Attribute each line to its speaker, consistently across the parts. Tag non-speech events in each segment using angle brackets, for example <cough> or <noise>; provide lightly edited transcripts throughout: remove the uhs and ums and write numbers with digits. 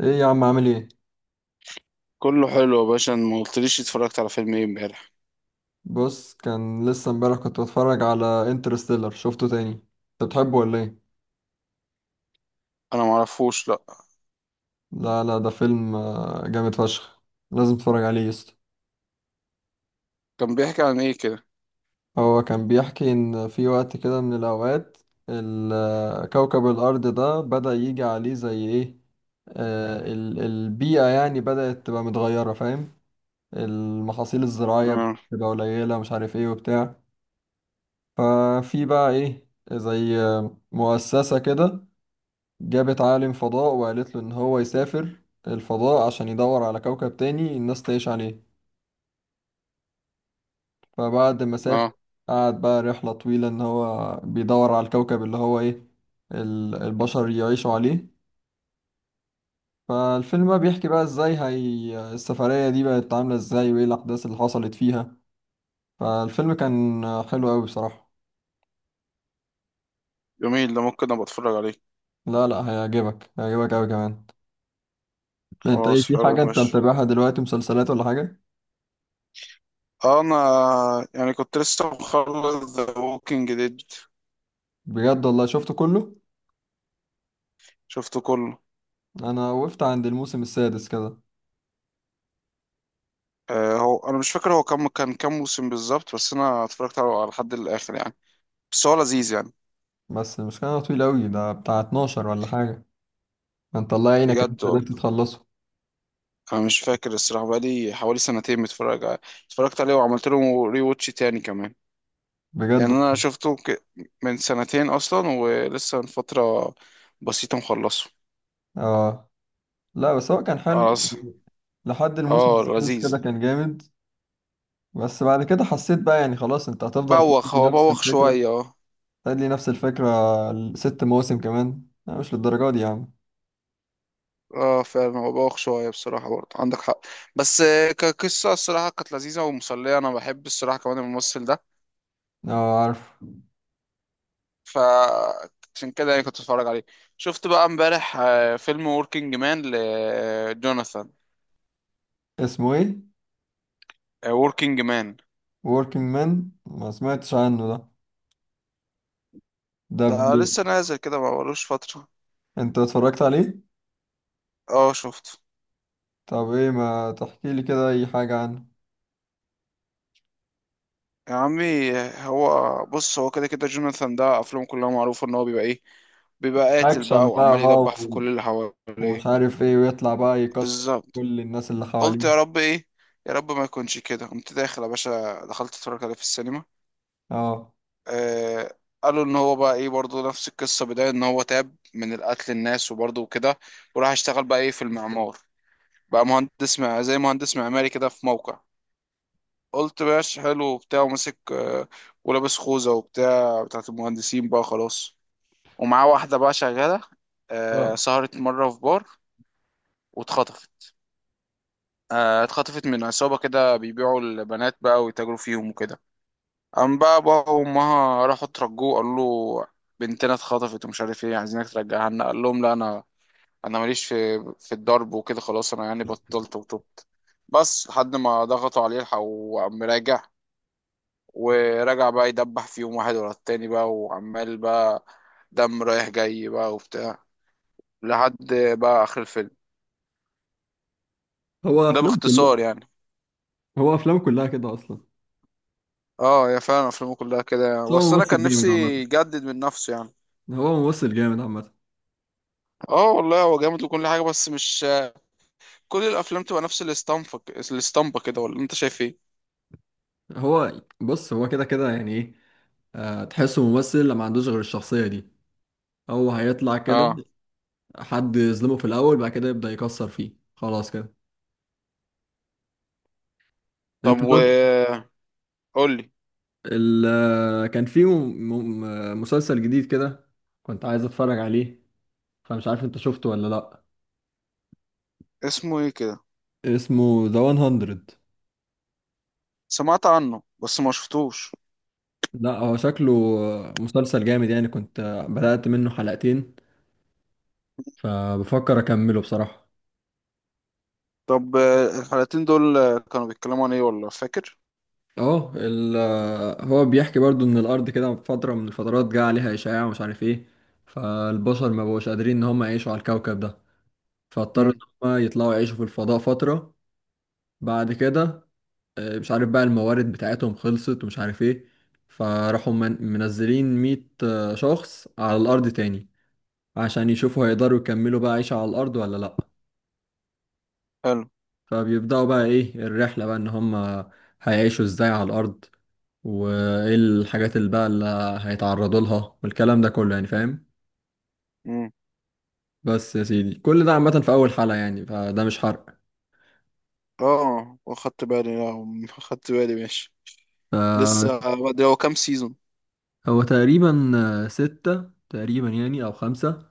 Speaker 1: ايه يا عم، عامل ايه؟
Speaker 2: كله حلو يا باشا. أنا ما قلتليش اتفرجت على فيلم ايه امبارح.
Speaker 1: بص، كان لسه امبارح كنت بتفرج على انترستيلر، شفته تاني. انت بتحبه ولا ايه؟
Speaker 2: انا ما اعرفوش، لا.
Speaker 1: لا لا، ده فيلم جامد فشخ. لازم تتفرج عليه يا اسطى.
Speaker 2: كان بيحكي عن ايه كده؟
Speaker 1: هو كان بيحكي ان في وقت كده من الاوقات كوكب الارض ده بدأ يجي عليه زي ايه. البيئة يعني بدأت تبقى متغيرة، فاهم؟ المحاصيل الزراعية
Speaker 2: اه.
Speaker 1: بتبقى قليلة، مش عارف ايه وبتاع. ففي بقى ايه زي مؤسسة كده جابت عالم فضاء وقالت له إن هو يسافر الفضاء عشان يدور على كوكب تاني الناس تعيش عليه. فبعد ما سافر
Speaker 2: اه.
Speaker 1: قعد بقى رحلة طويلة إن هو بيدور على الكوكب اللي هو إيه، البشر يعيشوا عليه. فالفيلم بقى بيحكي بقى إزاي هي السفرية دي بقت عاملة إزاي، وإيه الأحداث اللي حصلت فيها. فالفيلم كان حلو أوي بصراحة.
Speaker 2: جميل، ده ممكن ابقى اتفرج عليه.
Speaker 1: لا لا، هيعجبك هيعجبك أوي كمان. أنت إيه،
Speaker 2: خلاص،
Speaker 1: في
Speaker 2: حلو،
Speaker 1: حاجة أنت
Speaker 2: ماشي.
Speaker 1: متابعها دلوقتي، مسلسلات ولا حاجة؟
Speaker 2: انا يعني كنت لسه مخلص ذا ووكينج ديد.
Speaker 1: بجد والله شفته كله؟
Speaker 2: شفته كله.
Speaker 1: انا وقفت عند الموسم السادس كده.
Speaker 2: آه، هو انا مش فاكر هو كم كان كام موسم بالظبط. بس انا اتفرجت على لحد الاخر يعني. بس هو لذيذ يعني.
Speaker 1: بس مش كان طويل قوي، ده بتاع 12 ولا حاجة؟ انت الله يعينك إن انت
Speaker 2: بجد
Speaker 1: قدرت
Speaker 2: والله.
Speaker 1: تخلصه.
Speaker 2: انا مش فاكر الصراحه، بقالي حوالي سنتين متفرج. اتفرجت عليه وعملت له ري واتش تاني كمان.
Speaker 1: بجد.
Speaker 2: يعني انا من سنتين اصلا، ولسه من فتره بسيطه مخلصه.
Speaker 1: اه. لا بس هو كان حلو
Speaker 2: خلاص.
Speaker 1: يعني، لحد الموسم
Speaker 2: اه،
Speaker 1: السادس
Speaker 2: لذيذ.
Speaker 1: كده كان جامد. بس بعد كده حسيت بقى يعني خلاص، انت هتفضل تدي
Speaker 2: هو
Speaker 1: نفس
Speaker 2: بوخ
Speaker 1: الفكرة،
Speaker 2: شويه، اه.
Speaker 1: تدي نفس الفكرة. 6 مواسم كمان؟ لا مش للدرجة دي يا عم.
Speaker 2: اه، فعلا هو بوخ شويه بصراحه، برضه عندك حق. بس كقصه الصراحه كانت لذيذه ومسليه. انا بحب الصراحه كمان الممثل ده.
Speaker 1: اه، عارف.
Speaker 2: ف عشان كده يعني كنت اتفرج عليه. شفت بقى امبارح فيلم وركينج مان لجوناثان.
Speaker 1: اسمه ايه؟
Speaker 2: وركينج مان.
Speaker 1: working man. ما سمعتش عنه ده. ده
Speaker 2: ده
Speaker 1: بي.
Speaker 2: لسه نازل كده، ما بقالوش فتره.
Speaker 1: انت اتفرجت عليه؟
Speaker 2: اه، شفته.
Speaker 1: طب ايه، ما تحكي لي كده اي حاجة عنه.
Speaker 2: يا عمي، هو بص، هو كده كده جوناثان ده افلامه كلها معروفه ان هو بيبقى ايه. بيبقى قاتل
Speaker 1: اكشن
Speaker 2: بقى،
Speaker 1: بقى،
Speaker 2: وعمال يدبح في كل اللي
Speaker 1: ومش
Speaker 2: حواليه.
Speaker 1: عارف ايه، ويطلع بقى يكسر
Speaker 2: بالظبط.
Speaker 1: كل الناس اللي
Speaker 2: قلت
Speaker 1: حواليه.
Speaker 2: يا رب ايه، يا رب ما يكونش كده. قمت داخل يا باشا، دخلت اتفرج عليه في السينما.
Speaker 1: اه.
Speaker 2: آه، قالوا ان هو بقى ايه برضه نفس القصه، بدايه ان هو تاب من القتل الناس وبرضه وكده. وراح اشتغل بقى ايه في المعمار، بقى مهندس، مع زي مهندس معماري كده في موقع. قلت ماشي، حلو وبتاع. وماسك ولابس خوذه وبتاع بتاعت المهندسين بقى خلاص. ومعاه واحدة بقى شغالة.
Speaker 1: اه.
Speaker 2: سهرت مرة في بار واتخطفت. اتخطفت من عصابة كده بيبيعوا البنات بقى ويتاجروا فيهم وكده. قام بقى بابا وأمها راحوا ترجوه، قالوا له بنتنا اتخطفت ومش عارف ايه، عايزينك ترجعها لنا. قال لهم لا، أنا ماليش في الضرب وكده. خلاص، أنا يعني بطلت وتوبت. بس لحد ما ضغطوا عليه الحق، وقام راجع. ورجع بقى يدبح فيهم واحد ورا التاني بقى، وعمال بقى دم رايح جاي بقى وبتاع، لحد بقى آخر الفيلم.
Speaker 1: هو
Speaker 2: ده
Speaker 1: افلام كلها.
Speaker 2: باختصار يعني.
Speaker 1: هو افلام كلها كده اصلا.
Speaker 2: اه، يا فعلا افلامه كلها كده
Speaker 1: بس
Speaker 2: يعني.
Speaker 1: هو
Speaker 2: بس انا
Speaker 1: ممثل
Speaker 2: كان
Speaker 1: جامد
Speaker 2: نفسي
Speaker 1: عامه.
Speaker 2: يجدد من نفسه يعني.
Speaker 1: هو ممثل جامد عامه.
Speaker 2: اه والله، هو جامد وكل حاجه، بس مش كل الافلام تبقى نفس الاسطمبه، الاسطمبه كده، ولا انت شايف ايه؟
Speaker 1: هو بص هو كده كده يعني ايه. تحسه ممثل لما ما عندوش غير الشخصيه دي، هو هيطلع
Speaker 2: اه.
Speaker 1: كده. حد يظلمه في الاول، بعد كده يبدا يكسر فيه، خلاص كده.
Speaker 2: طب،
Speaker 1: انت طب.
Speaker 2: قول لي.
Speaker 1: ال آه، كان في مسلسل جديد كده، كنت عايز اتفرج عليه، فمش عارف انت شفته ولا لا.
Speaker 2: اسمه ايه كده؟
Speaker 1: اسمه ذا 100.
Speaker 2: سمعت عنه بس ما شفتوش.
Speaker 1: لا هو شكله مسلسل جامد يعني. كنت بدأت منه حلقتين، فبفكر أكمله بصراحة.
Speaker 2: طب الحلقتين دول كانوا بيتكلموا عن ايه ولا فاكر؟
Speaker 1: اه، هو بيحكي برضو ان الارض كده في فترة من الفترات جه عليها اشعاع، ومش عارف ايه. فالبشر ما بقوش قادرين ان هم يعيشوا على الكوكب ده، فاضطروا ان
Speaker 2: امم.
Speaker 1: هم يطلعوا يعيشوا في الفضاء فترة. بعد كده مش عارف بقى الموارد بتاعتهم خلصت ومش عارف ايه، فراحوا منزلين 100 شخص على الارض تاني عشان يشوفوا هيقدروا يكملوا بقى عيشة على الأرض ولا لأ.
Speaker 2: حلو.
Speaker 1: فبيبدأوا بقى إيه الرحلة، بقى إن هما هيعيشوا إزاي على الأرض، وإيه الحاجات اللي بقى اللي هيتعرضوا لها، والكلام ده كله يعني، فاهم؟
Speaker 2: امم.
Speaker 1: بس يا سيدي كل ده عامة في أول حلقة يعني، فده مش حرق.
Speaker 2: اه، واخدت بالي، لا. <laughs> اخدت بالي، ماشي.
Speaker 1: فهو
Speaker 2: لسه بدري. هو كام سيزون؟
Speaker 1: تقريبا ستة تقريبا يعني، أو خمسة.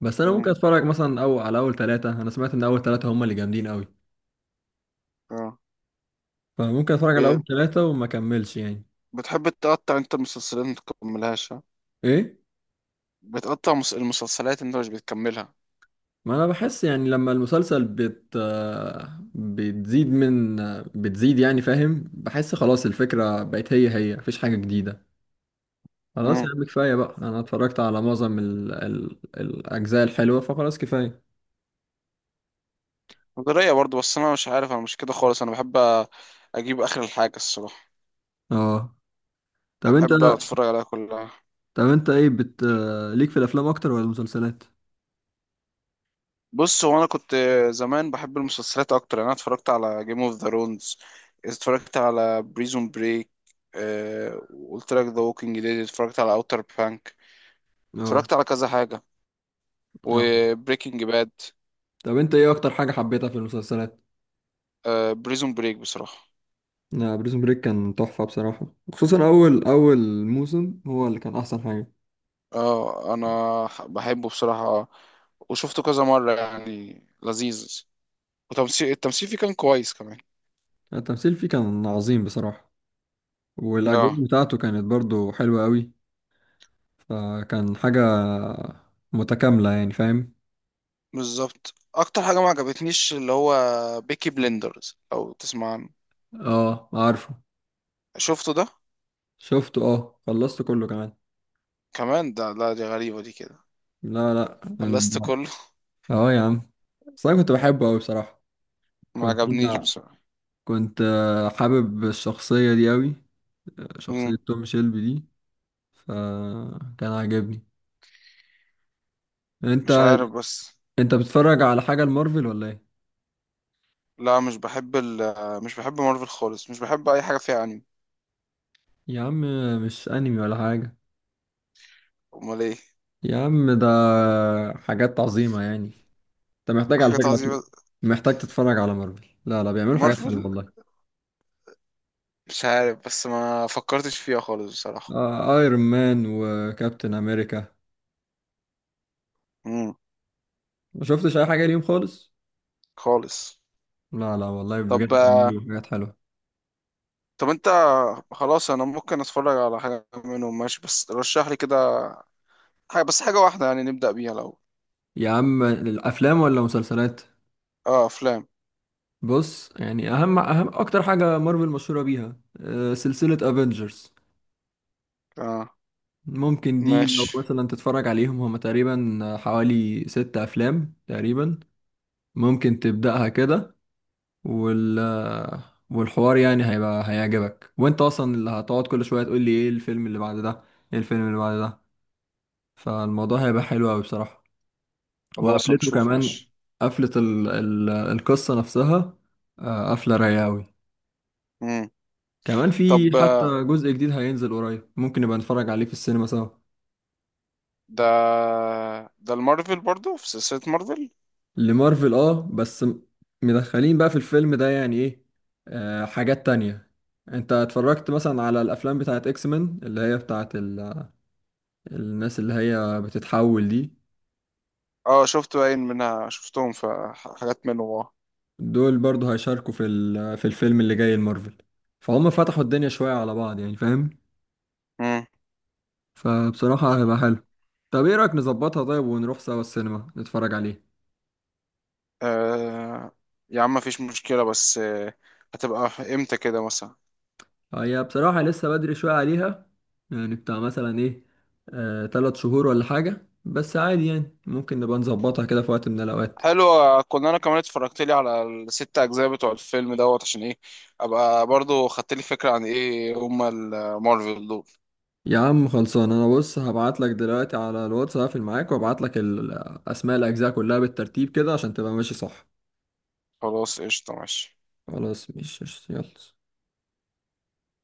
Speaker 1: بس أنا ممكن
Speaker 2: امم.
Speaker 1: أتفرج مثلا أو على أول ثلاثة، أنا سمعت إن أول ثلاثة هما اللي جامدين أوي،
Speaker 2: اه.
Speaker 1: فممكن أتفرج على أول ثلاثة وما أكملش يعني.
Speaker 2: بتحب تقطع انت المسلسلات ما تكملهاش، ها؟
Speaker 1: إيه؟
Speaker 2: بتقطع المسلسلات، انت مش بتكملها.
Speaker 1: ما انا بحس يعني لما المسلسل بت بتزيد من بتزيد يعني، فاهم؟ بحس خلاص الفكرة بقت هي هي، مفيش حاجة جديدة. خلاص يا
Speaker 2: امم.
Speaker 1: عم كفاية بقى، انا اتفرجت على معظم الاجزاء الحلوة، فخلاص كفاية.
Speaker 2: ده رأيي برضه، بس انا مش عارف، انا مش كده خالص. انا بحب أ- اجيب اخر الحاجه الصراحه.
Speaker 1: اه. طب انت
Speaker 2: بحب اتفرج عليها كلها.
Speaker 1: طب انت ايه بت ليك في الافلام اكتر ولا المسلسلات؟
Speaker 2: بص هو انا كنت زمان بحب المسلسلات اكتر يعني. انا اتفرجت على جيم اوف ذا رونز، اتفرجت على بريزون بريك، قلت لك ذا ووكينج ديد، اتفرجت على اوتر بانك،
Speaker 1: اه.
Speaker 2: اتفرجت على كذا حاجه،
Speaker 1: اه.
Speaker 2: وبريكنج باد.
Speaker 1: طب انت ايه اكتر حاجة حبيتها في المسلسلات؟
Speaker 2: بريزون بريك بصراحه.
Speaker 1: لا، بريزون بريك كان تحفة بصراحة، خصوصا اول اول موسم هو اللي كان احسن حاجة.
Speaker 2: اه، انا بحبه بصراحة. وشفته كذا مرة يعني، لذيذ. التمثيل فيه كان كويس كمان.
Speaker 1: التمثيل فيه كان عظيم بصراحة،
Speaker 2: اه.
Speaker 1: والاجواء بتاعته كانت برضو حلوة قوي. فكان حاجة متكاملة يعني، فاهم؟
Speaker 2: بالظبط. اكتر حاجة ما عجبتنيش اللي هو بيكي بلندرز، او تسمع عنه؟
Speaker 1: اه، عارفه.
Speaker 2: شفته ده؟
Speaker 1: شفته، اه خلصت كله كمان.
Speaker 2: كمان ده، لا، دي غريبة دي كده.
Speaker 1: لا لا.
Speaker 2: خلصت كله.
Speaker 1: اه يا عم، بس انا كنت بحبه قوي بصراحة.
Speaker 2: <laughs> ما
Speaker 1: كنت
Speaker 2: عجبنيش
Speaker 1: انا
Speaker 2: بصراحة.
Speaker 1: كنت حابب الشخصية دي قوي،
Speaker 2: مم.
Speaker 1: شخصية توم شيلبي دي. فكان عاجبني. انت.
Speaker 2: مش عارف بس.
Speaker 1: انت بتتفرج على حاجة المارفل ولا ايه؟
Speaker 2: لا، مش بحب مارفل خالص. مش بحب اي حاجة فيها انمي.
Speaker 1: يا عم، مش انمي ولا حاجة.
Speaker 2: امال ايه؟
Speaker 1: يا عم، ده حاجات عظيمة يعني، انت محتاج على
Speaker 2: حاجات
Speaker 1: فكرة
Speaker 2: عظيمة
Speaker 1: تروح، محتاج تتفرج على مارفل. لا لا، بيعملوا حاجات حلوة
Speaker 2: مارفل؟
Speaker 1: والله.
Speaker 2: مش عارف بس، ما فكرتش فيها خالص بصراحة.
Speaker 1: آه، ايرون مان وكابتن امريكا،
Speaker 2: مم.
Speaker 1: ما شفتش اي حاجة ليهم خالص؟
Speaker 2: خالص.
Speaker 1: لا لا والله، بجد
Speaker 2: طب آه،
Speaker 1: بيعملوا حاجات حلوة.
Speaker 2: طب انت خلاص انا ممكن اتفرج على حاجه منهم ماشي، بس رشح لي كده حاجه، بس حاجه واحده يعني نبدا بيها لو.
Speaker 1: يا عم، الافلام ولا مسلسلات؟
Speaker 2: اه افلام.
Speaker 1: بص يعني، اهم اهم اكتر حاجة مارفل مشهورة بيها سلسلة افنجرز.
Speaker 2: اه
Speaker 1: ممكن دي لو
Speaker 2: ماشي.
Speaker 1: مثلا تتفرج عليهم، هما تقريبا حوالي 6 افلام تقريبا، ممكن تبدأها كده. وال والحوار يعني هيبقى هيعجبك، وانت اصلا اللي هتقعد كل شويه تقول لي ايه الفيلم اللي بعد ده، ايه الفيلم اللي بعد ده. فالموضوع هيبقى حلو قوي بصراحه.
Speaker 2: خلاص
Speaker 1: وقفلته
Speaker 2: هنشوف
Speaker 1: كمان،
Speaker 2: ماشي.
Speaker 1: قفله القصه نفسها، قفله رايقه قوي.
Speaker 2: امم.
Speaker 1: كمان في
Speaker 2: طب
Speaker 1: حتى جزء جديد هينزل قريب، ممكن نبقى نتفرج عليه في السينما سوا.
Speaker 2: ده ده المارفل برضو، في سلسله مارفل؟
Speaker 1: لمارفل، اه، بس مدخلين بقى في الفيلم ده يعني ايه، حاجات تانية. انت اتفرجت مثلا على الافلام بتاعت اكس مان، اللي هي بتاعت الناس اللي هي بتتحول دي،
Speaker 2: اه شفت باين منها، شفتهم في حاجات منهم، اه.
Speaker 1: دول برضو هيشاركوا في في الفيلم اللي جاي المارفل، فهم فتحوا الدنيا شوية على بعض يعني، فاهم؟
Speaker 2: امم.
Speaker 1: فبصراحة هيبقى حلو. طب ايه رأيك، نظبطها طيب ونروح سوا السينما نتفرج عليه؟
Speaker 2: آه، يا عم مفيش مشكله، بس هتبقى امتى كده مثلا؟
Speaker 1: هي بصراحة لسه بدري شوية عليها، يعني بتاع مثلا ايه، 3 شهور ولا حاجة، بس عادي يعني ممكن نبقى نظبطها كده في وقت من الأوقات.
Speaker 2: حلو. كنا انا كمان اتفرجت لي على الست اجزاء بتوع الفيلم دوت، عشان ايه ابقى برضو خدت لي فكره عن ايه هما المارفل دول.
Speaker 1: يا عم خلصان، انا بص هبعت لك دلوقتي على الواتس، هقفل معاك وابعت لك اسماء الاجزاء كلها بالترتيب كده عشان تبقى ماشي صح.
Speaker 2: خلاص قشطه ماشي.
Speaker 1: خلاص مش يلا.